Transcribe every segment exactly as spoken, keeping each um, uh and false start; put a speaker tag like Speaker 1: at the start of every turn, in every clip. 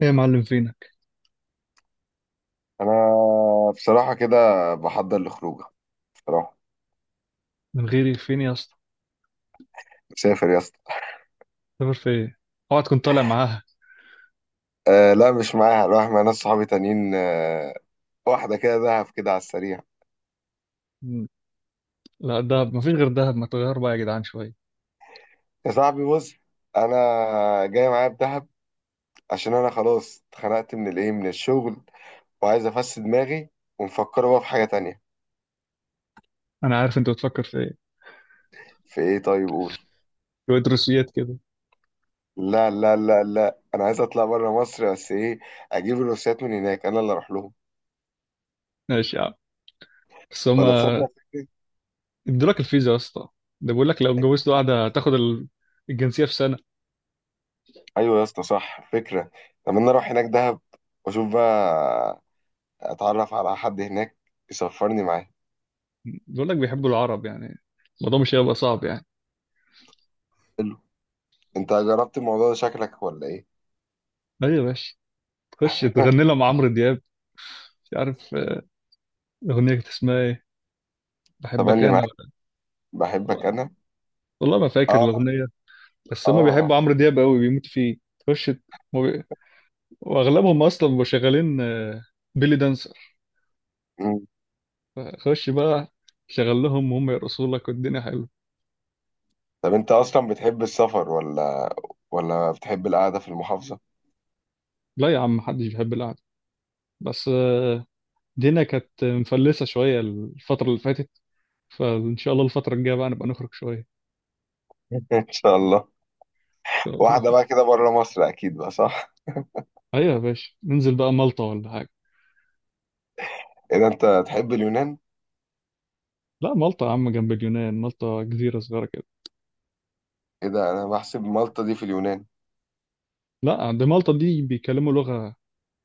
Speaker 1: ايه يا معلم فينك؟
Speaker 2: انا بصراحه كده بحضر لخروجه بصراحه.
Speaker 1: من غيري فين يا اسطى؟
Speaker 2: مسافر يا اسطى.
Speaker 1: سافر في ايه؟ اوعى تكون طالع معاها.
Speaker 2: أه لا، مش معاها، رايح مع ناس صحابي تانيين. أه واحده كده دهب كده على السريع.
Speaker 1: مم. لا دهب، مفيش غير دهب، ما تغير بقى يا جدعان شويه.
Speaker 2: يا صاحبي بص، انا جاي معايا بدهب عشان انا خلاص اتخنقت من الايه، من الشغل، وعايز افس دماغي ومفكر بقى في حاجه تانية.
Speaker 1: انا عارف انت بتفكر في ايه،
Speaker 2: في ايه؟ طيب قول.
Speaker 1: شويه روسيات كده.
Speaker 2: لا لا لا لا، انا عايز اطلع بره مصر بس ايه، اجيب الروسيات من هناك، انا اللي اروح لهم
Speaker 1: ماشي يا عم، بس
Speaker 2: ولا
Speaker 1: هما
Speaker 2: تصدق.
Speaker 1: ادولك الفيزا يا اسطى؟ ده بيقول لك لو اتجوزت
Speaker 2: فكره.
Speaker 1: واحده هتاخد ال- الجنسيه في سنه.
Speaker 2: ايوه يا اسطى صح، فكره. طب انا اروح هناك دهب واشوف بقى، اتعرف على حد هناك يسفرني معاه.
Speaker 1: بيقول لك بيحبوا العرب يعني، الموضوع مش هيبقى صعب يعني.
Speaker 2: حلو. انت جربت الموضوع ده شكلك ولا ايه؟
Speaker 1: ايوه يا باشا، تخش تغني لها مع عمرو دياب، مش عارف آه، الاغنيه كانت اسمها ايه، بحبك
Speaker 2: تملي
Speaker 1: انا،
Speaker 2: معاك،
Speaker 1: ولا،
Speaker 2: بحبك انا.
Speaker 1: والله ما فاكر
Speaker 2: اه.
Speaker 1: الاغنيه. بس
Speaker 2: اه.
Speaker 1: هما بيحبوا
Speaker 2: آه.
Speaker 1: عمرو دياب قوي، بيموتوا فيه. تخش، واغلبهم اصلا بيبقوا شغالين آه، بيلي دانسر.
Speaker 2: مم.
Speaker 1: خش بقى شغل لهم وهم يرقصوا لك والدنيا حلوه.
Speaker 2: طب انت اصلا بتحب السفر ولا ولا بتحب القعده في المحافظه؟
Speaker 1: لا يا عم، محدش بيحب القعده، بس آه، الدنيا كانت مفلسه شويه الفتره اللي فاتت، فان شاء الله الفتره الجايه بقى نبقى نخرج شويه.
Speaker 2: ان شاء الله.
Speaker 1: ان شاء الله.
Speaker 2: واحده بقى كده بره مصر اكيد بقى صح.
Speaker 1: ايوه يا باشا، ننزل بقى مالطا ولا حاجه؟
Speaker 2: ايه ده؟ انت تحب اليونان؟
Speaker 1: لا مالطا يا عم جنب اليونان، مالطا جزيره صغيره كده.
Speaker 2: ايه ده، انا بحسب مالطا دي في اليونان.
Speaker 1: لا، عند مالطا دي بيتكلموا لغه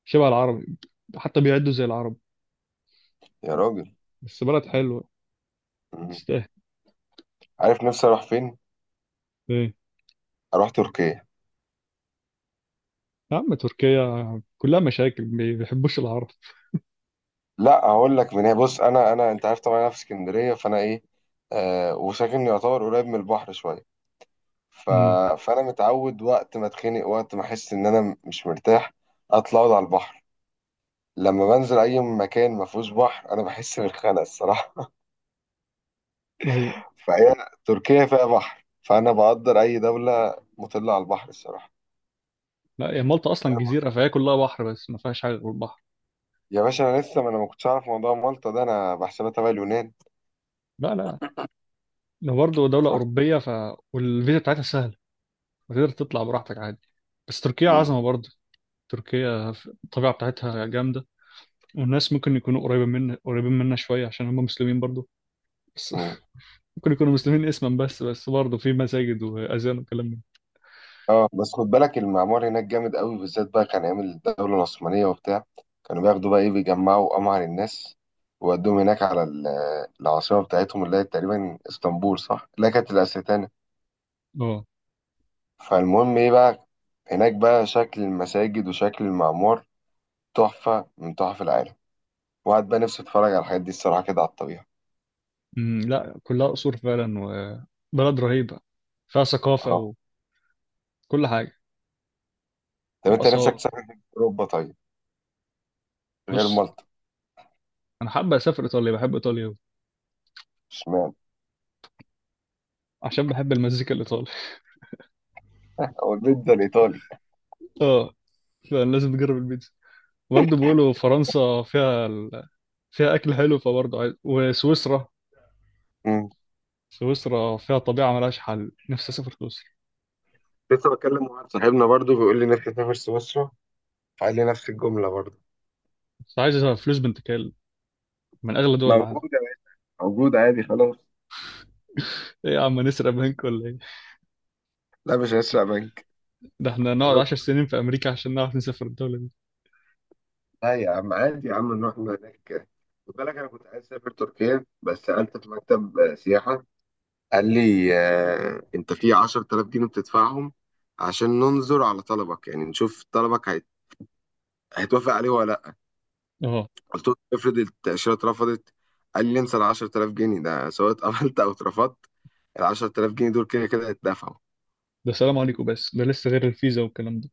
Speaker 1: شبه العربي، حتى بيعدوا زي العرب.
Speaker 2: يا راجل.
Speaker 1: بس بلد حلوه،
Speaker 2: مم.
Speaker 1: تستاهل.
Speaker 2: عارف نفسي اروح فين؟
Speaker 1: إيه؟
Speaker 2: اروح تركيا.
Speaker 1: يا عم تركيا كلها مشاكل، ما بيحبوش العرب.
Speaker 2: لا هقول لك من هنا، بص، انا انا انت عارف طبعا انا في اسكندريه، فانا ايه آه، وساكن يعتبر قريب من البحر شويه. ف...
Speaker 1: امم.
Speaker 2: فانا متعود وقت ما اتخنق، وقت ما احس ان انا مش مرتاح، اطلع اقعد على البحر. لما بنزل اي مكان ما فيهوش بحر انا بحس بالخنقه الصراحه.
Speaker 1: هي،
Speaker 2: فهي تركيا فيها بحر، فانا بقدر اي دوله مطله على البحر الصراحه.
Speaker 1: لا هي مالطا اصلا
Speaker 2: فاهم
Speaker 1: جزيره،
Speaker 2: قصدي؟
Speaker 1: فهي كلها بحر، بس ما فيهاش حاجه غير البحر.
Speaker 2: يا باشا انا لسه ما انا ما كنتش اعرف موضوع مالطا ده، انا بحسبها تبع اليونان.
Speaker 1: لا لا، لو برضه دوله
Speaker 2: رحت.
Speaker 1: اوروبيه ف، والفيزا بتاعتها سهله، فتقدر تطلع براحتك عادي. بس تركيا
Speaker 2: مم.
Speaker 1: عظمه برضه. تركيا ف- الطبيعه بتاعتها جامده، والناس ممكن يكونوا قريبه منا قريبين منا شويه، عشان هم مسلمين برضه. بس
Speaker 2: مم.
Speaker 1: ممكن يكونوا مسلمين اسما بس بس برضه في مساجد واذان وكلام من
Speaker 2: اه بس خد بالك، المعمار هناك جامد قوي بالذات بقى كان ايام الدوله العثمانيه وبتاع. كانوا بياخدوا بقى ايه، بيجمعوا امهر الناس وودوهم هناك على ال- العاصمه بتاعتهم اللي هي تقريبا اسطنبول، صح، اللي هي كانت الاستانه.
Speaker 1: ده. اه.
Speaker 2: فالمهم ايه بقى، هناك بقى شكل المساجد وشكل المعمار تحفه من تحف العالم، وقعد بقى نفسي اتفرج على الحاجات دي الصراحه كده على الطبيعه.
Speaker 1: أمم، لا كلها قصور فعلا، وبلد رهيبه فيها
Speaker 2: اه.
Speaker 1: ثقافه وكل حاجه
Speaker 2: طب انت نفسك
Speaker 1: وآثار.
Speaker 2: تسافر فين في اوروبا طيب، غير
Speaker 1: بص،
Speaker 2: مالطا؟
Speaker 1: أنا حابة أسافر إيطاليا، بحب إيطاليا أوي،
Speaker 2: اشمعنى؟
Speaker 1: عشان بحب المزيكا الإيطالي.
Speaker 2: او البيتزا الايطالي.
Speaker 1: أه، فلازم نجرب البيتزا. برضه بيقولوا فرنسا فيها ال... فيها أكل حلو، فبرضه عايز، وسويسرا.
Speaker 2: مم.
Speaker 1: سويسرا فيها طبيعة ملهاش حل، نفسي أسافر سويسرا.
Speaker 2: لسه بكلم واحد صاحبنا برضو بيقول لي نفسي اسافر سويسرا، قال لي نفس الجملة برضه.
Speaker 1: بس عايز فلوس بنت كلب، من أغلى دول
Speaker 2: موجود
Speaker 1: العالم.
Speaker 2: يا باشا، موجود عادي خلاص.
Speaker 1: إيه يا عم، نسرق بنك ولا إيه؟
Speaker 2: لا مش هسرق منك.
Speaker 1: ده إحنا
Speaker 2: قلت
Speaker 1: نقعد
Speaker 2: له
Speaker 1: عشر سنين في أمريكا عشان نعرف نسافر الدولة دي.
Speaker 2: لا يا عم عادي يا عم، نروح من هناك. خد بالك، أنا كنت عايز أسافر تركيا، بس سألت في مكتب آه، سياحة، قال لي آه، أنت في عشر تلاف جنيه بتدفعهم عشان ننظر على طلبك، يعني نشوف طلبك هيت- هيتوافق عليه ولا لأ.
Speaker 1: أه.
Speaker 2: قلت له افرض التأشيرة اترفضت، قال لي انسى ال عشر تلاف جنيه ده، سواء اتقبلت أو اترفضت ال عشر تلاف جنيه دول كده كده هيتدفعوا.
Speaker 1: ده سلام عليكم! بس ده لسه غير الفيزا والكلام ده.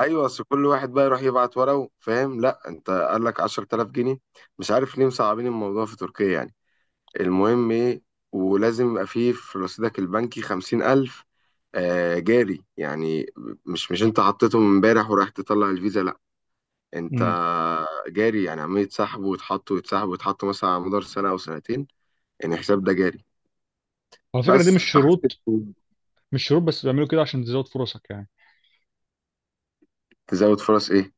Speaker 2: ايوه بس كل واحد بقى يروح يبعت ورقه، فاهم؟ لا انت قال لك عشر تلاف جنيه. مش عارف ليه مصعبين الموضوع في تركيا يعني. المهم ايه، ولازم يبقى فيه في رصيدك البنكي خمسين ألف، آه جاري يعني. مش مش انت حطيتهم امبارح ورايح تطلع الفيزا، لا، انت
Speaker 1: امم.
Speaker 2: جاري يعني، عمال يتسحبوا ويتحطوا ويتسحبوا ويتحطوا مثلا على مدار سنه او سنتين، يعني الحساب ده جاري.
Speaker 1: على فكرة دي
Speaker 2: بس
Speaker 1: مش
Speaker 2: فحسيت.
Speaker 1: شروط، مش شروط بس بيعملوا كده عشان تزود فرصك يعني.
Speaker 2: تزود فرص ايه؟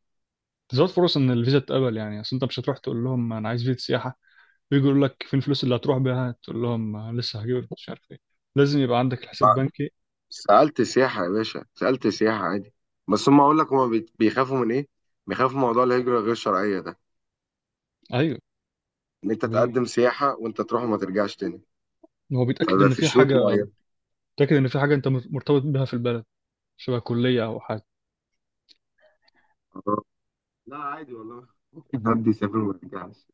Speaker 1: تزود فرص ان الفيزا تتقبل يعني. اصل انت مش هتروح تقول لهم انا عايز فيزا سياحه، ويجي يقول لك فين الفلوس اللي هتروح بيها، تقول لهم لسه هجيب مش عارف ايه. لازم يبقى عندك الحساب بنكي.
Speaker 2: سألت سياحة يا باشا، سألت سياحة عادي. بس هم أقول لك، هم بي- بيخافوا من إيه؟ بيخافوا من موضوع الهجرة غير الشرعية ده،
Speaker 1: ايوه.
Speaker 2: إن أنت
Speaker 1: بي...
Speaker 2: تقدم سياحة وأنت تروح وما ترجعش تاني.
Speaker 1: هو بيتاكد
Speaker 2: فبقى
Speaker 1: ان
Speaker 2: في
Speaker 1: في
Speaker 2: شروط
Speaker 1: حاجه،
Speaker 2: معينة.
Speaker 1: بيتاكد ان في حاجه انت مرتبط بيها في البلد، شبه كليه او حاجه.
Speaker 2: آه. لا عادي والله، ممكن حد يسافر وما يرجعش.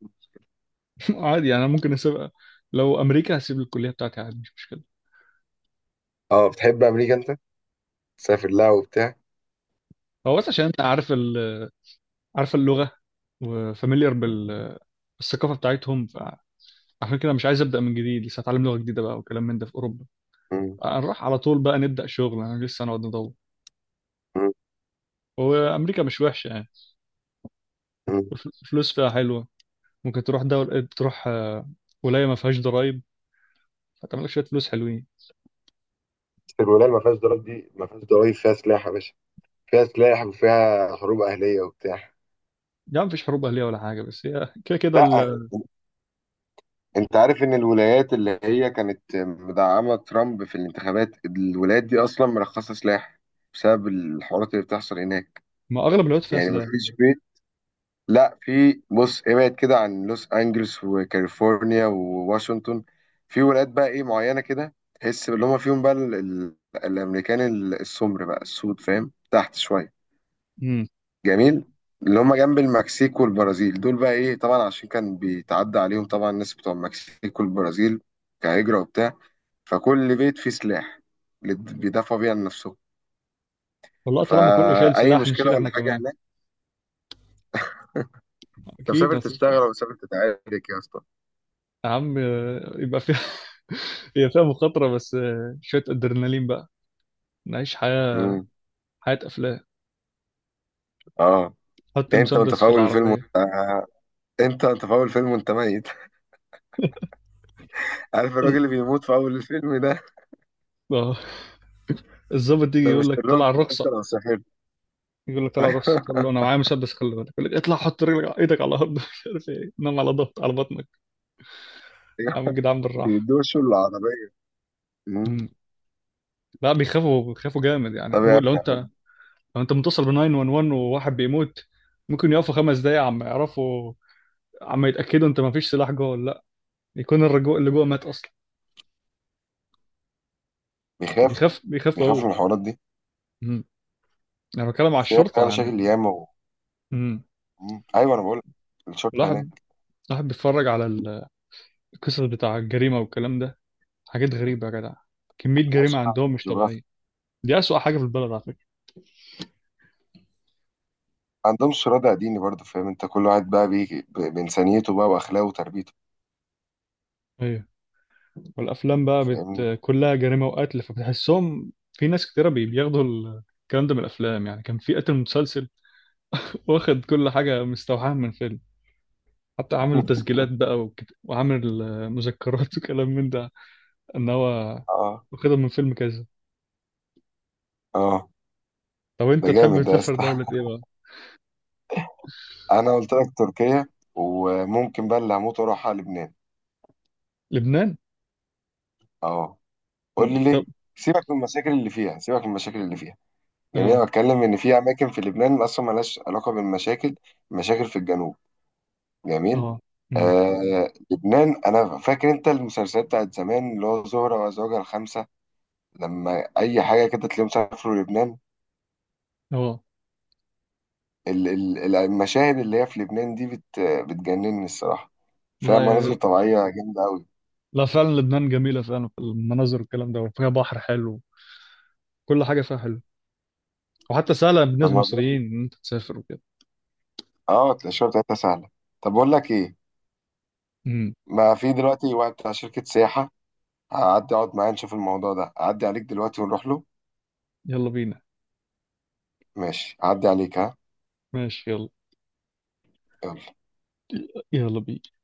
Speaker 1: عادي يعني، انا ممكن اسيب، لو امريكا هسيب الكليه بتاعتي عادي، مش مشكله.
Speaker 2: اه بتحب أمريكا أنت؟ تسافر لها وبتاع؟
Speaker 1: هو بس عشان انت عارف ال... عارف اللغه، وفاميليار بال... بالثقافه بتاعتهم، فعشان كده مش عايز ابدا من جديد، لسه هتعلم لغه جديده بقى وكلام من ده في اوروبا.
Speaker 2: مم.
Speaker 1: هنروح على طول بقى نبدأ شغل، انا لسه هنقعد ندور.
Speaker 2: مم.
Speaker 1: وامريكا مش وحشة يعني،
Speaker 2: مم.
Speaker 1: الف- الفلوس فيها حلوة. ممكن تروح دولة، تروح آه، ولاية ما فيهاش ضرايب، فتعمل لك شوية فلوس حلوين.
Speaker 2: بس الولاية اللي ما فيهاش ضرايب دي، ما فيهاش ضرايب، فيها سلاح يا باشا، فيها سلاح وفيها حروب أهلية وبتاع.
Speaker 1: يعني مفيش حروب أهلية ولا حاجة، بس هي كده كده
Speaker 2: لا
Speaker 1: ال-
Speaker 2: انت عارف ان الولايات اللي هي كانت مدعمة ترامب في الانتخابات، الولايات دي اصلا مرخصة سلاح بسبب الحوارات اللي بتحصل هناك.
Speaker 1: ما أغلب الوقت فيها
Speaker 2: يعني
Speaker 1: سلاح.
Speaker 2: مفيش بيت، لا في، بص، ابعد كده عن لوس انجلوس وكاليفورنيا وواشنطن، في ولايات بقى ايه معينة كده، تحس اللي هم فيهم بقى ال- ال- الامريكان السمر بقى السود، فاهم، تحت شوية،
Speaker 1: امم.
Speaker 2: جميل، اللي هم جنب المكسيك والبرازيل، دول بقى ايه طبعا عشان كان بيتعدى عليهم طبعا الناس بتوع المكسيك والبرازيل كهجرة وبتاع، فكل بيت فيه سلاح اللي بيدافعوا بيه عن نفسهم.
Speaker 1: والله طالما كله شايل
Speaker 2: فأي
Speaker 1: سلاح
Speaker 2: مشكلة
Speaker 1: نشيل
Speaker 2: ولا
Speaker 1: احنا
Speaker 2: حاجة
Speaker 1: كمان.
Speaker 2: هناك. انت
Speaker 1: أكيد
Speaker 2: مسافر تشتغل
Speaker 1: هتبقى.
Speaker 2: ولا مسافر تتعارك يا اسطى؟
Speaker 1: يا عم آه، يبقى فيها هي فيها مخاطرة، بس آه، شوية أدرينالين بقى، نعيش حياة،
Speaker 2: امم.
Speaker 1: حياة أفلام.
Speaker 2: اه.
Speaker 1: حط
Speaker 2: انت وانت
Speaker 1: المسدس
Speaker 2: في
Speaker 1: في
Speaker 2: اول الفيلم وانت
Speaker 1: العربية.
Speaker 2: آه، انت وانت في اول الفيلم وانت ميت. عارف الراجل اللي بيموت في اول الفيلم ده؟
Speaker 1: آه. الظابط يجي
Speaker 2: ده مش
Speaker 1: يقول لك طلع
Speaker 2: الراجل، انت
Speaker 1: الرخصة،
Speaker 2: لو سافرت.
Speaker 1: يقول لك طلع راسي، تقول له انا معايا مسدس خلي بالك، يقول لك اطلع حط رجلك على- ايدك على الارض، مش عارف ايه، نام على، ضغط على بطنك، اعمل كده عم جدعان بالراحه.
Speaker 2: بيدوشوا العربية. مم.
Speaker 1: مم. لا بيخافوا، بيخافوا جامد يعني،
Speaker 2: طب
Speaker 1: بو-
Speaker 2: يا
Speaker 1: لو انت،
Speaker 2: عم.
Speaker 1: لو انت متصل ب تسعة واحد واحد وواحد بيموت، ممكن يقفوا خمس دقايق عم يعرفوا، عم يتاكدوا انت ما فيش سلاح جوه ولا لا، يكون الرجوع اللي جوه مات اصلا.
Speaker 2: بيخافوا
Speaker 1: بيخاف بيخافوا
Speaker 2: بيخافوا
Speaker 1: قوي.
Speaker 2: من الحوارات دي.
Speaker 1: مم. انا بتكلم على
Speaker 2: فيها فيها
Speaker 1: الشرطه
Speaker 2: مشاكل
Speaker 1: يعني.
Speaker 2: ياما و...
Speaker 1: مم.
Speaker 2: مم. ايوه انا بقول لك، الشرطه هناك
Speaker 1: الواحد الواحد بيتفرج على ال- القصص بتاع الجريمه والكلام ده، حاجات غريبه يا جدع، كميه جريمه
Speaker 2: ملهاش فهم
Speaker 1: عندهم
Speaker 2: في
Speaker 1: مش طبيعيه،
Speaker 2: الجغرافيا.
Speaker 1: دي أسوأ حاجة في البلد على.
Speaker 2: ما عندهمش رادع ديني برضه، فاهم انت، كل واحد بقى بي... ب... بانسانيته بقى واخلاقه وتربيته.
Speaker 1: ايوه. والافلام بقى
Speaker 2: فاهمني؟
Speaker 1: بت... كلها جريمه وقتل، فبتحسهم في ناس كتيره بي- بياخدوا ال- الكلام ده من الافلام. يعني كان في قتل متسلسل، واخد كل حاجه مستوحاه من فيلم، حتى عامل تسجيلات بقى وكت... وعامل آه، مذكرات، وكلام من ده، ان هو
Speaker 2: اه.
Speaker 1: واخدها من فيلم كذا.
Speaker 2: اه.
Speaker 1: طب
Speaker 2: ده
Speaker 1: انت تحب
Speaker 2: جامد ده يا
Speaker 1: تسافر
Speaker 2: اسطى.
Speaker 1: دوله ايه بقى؟
Speaker 2: انا قلت لك تركيا، وممكن بقى اللي هموت واروح على لبنان.
Speaker 1: لبنان؟
Speaker 2: اه. قول
Speaker 1: مم.
Speaker 2: لي
Speaker 1: طب.
Speaker 2: ليه. سيبك من المشاكل اللي فيها، سيبك من المشاكل اللي فيها. جميل، أنا
Speaker 1: اه.
Speaker 2: بتكلم ان في اماكن في لبنان اصلا ملهاش علاقه بالمشاكل، مشاكل في الجنوب. جميل.
Speaker 1: اه.
Speaker 2: اه.
Speaker 1: امم.
Speaker 2: آه لبنان، انا فاكر انت المسلسلات بتاعت زمان اللي هو زهرة وزوجها الخمسة، لما اي حاجة كده تلاقيهم سافروا لبنان.
Speaker 1: اه.
Speaker 2: ال- ال- المشاهد اللي هي في لبنان دي بت بتجنني الصراحة، فيها
Speaker 1: لا يا،
Speaker 2: مناظر طبيعية جامدة قوي.
Speaker 1: لا فعلا لبنان جميله فعلا في المناظر والكلام ده، وفيها بحر حلو، كل حاجه فيها حلو، وحتى سهله
Speaker 2: طب
Speaker 1: بالنسبه
Speaker 2: ما بقول،
Speaker 1: للمصريين ان انت تسافر.
Speaker 2: اه الشوية بتاعتها سهلة. طب بقول لك ايه،
Speaker 1: امم.
Speaker 2: ما في دلوقتي واحد بتاع شركة سياحة، هعدي اقعد معاه نشوف الموضوع ده، اعدي عليك دلوقتي ونروح له.
Speaker 1: يلا بينا.
Speaker 2: ماشي، اعدي عليك. ها،
Speaker 1: ماشي يلا.
Speaker 2: يلا.
Speaker 1: يلا بينا.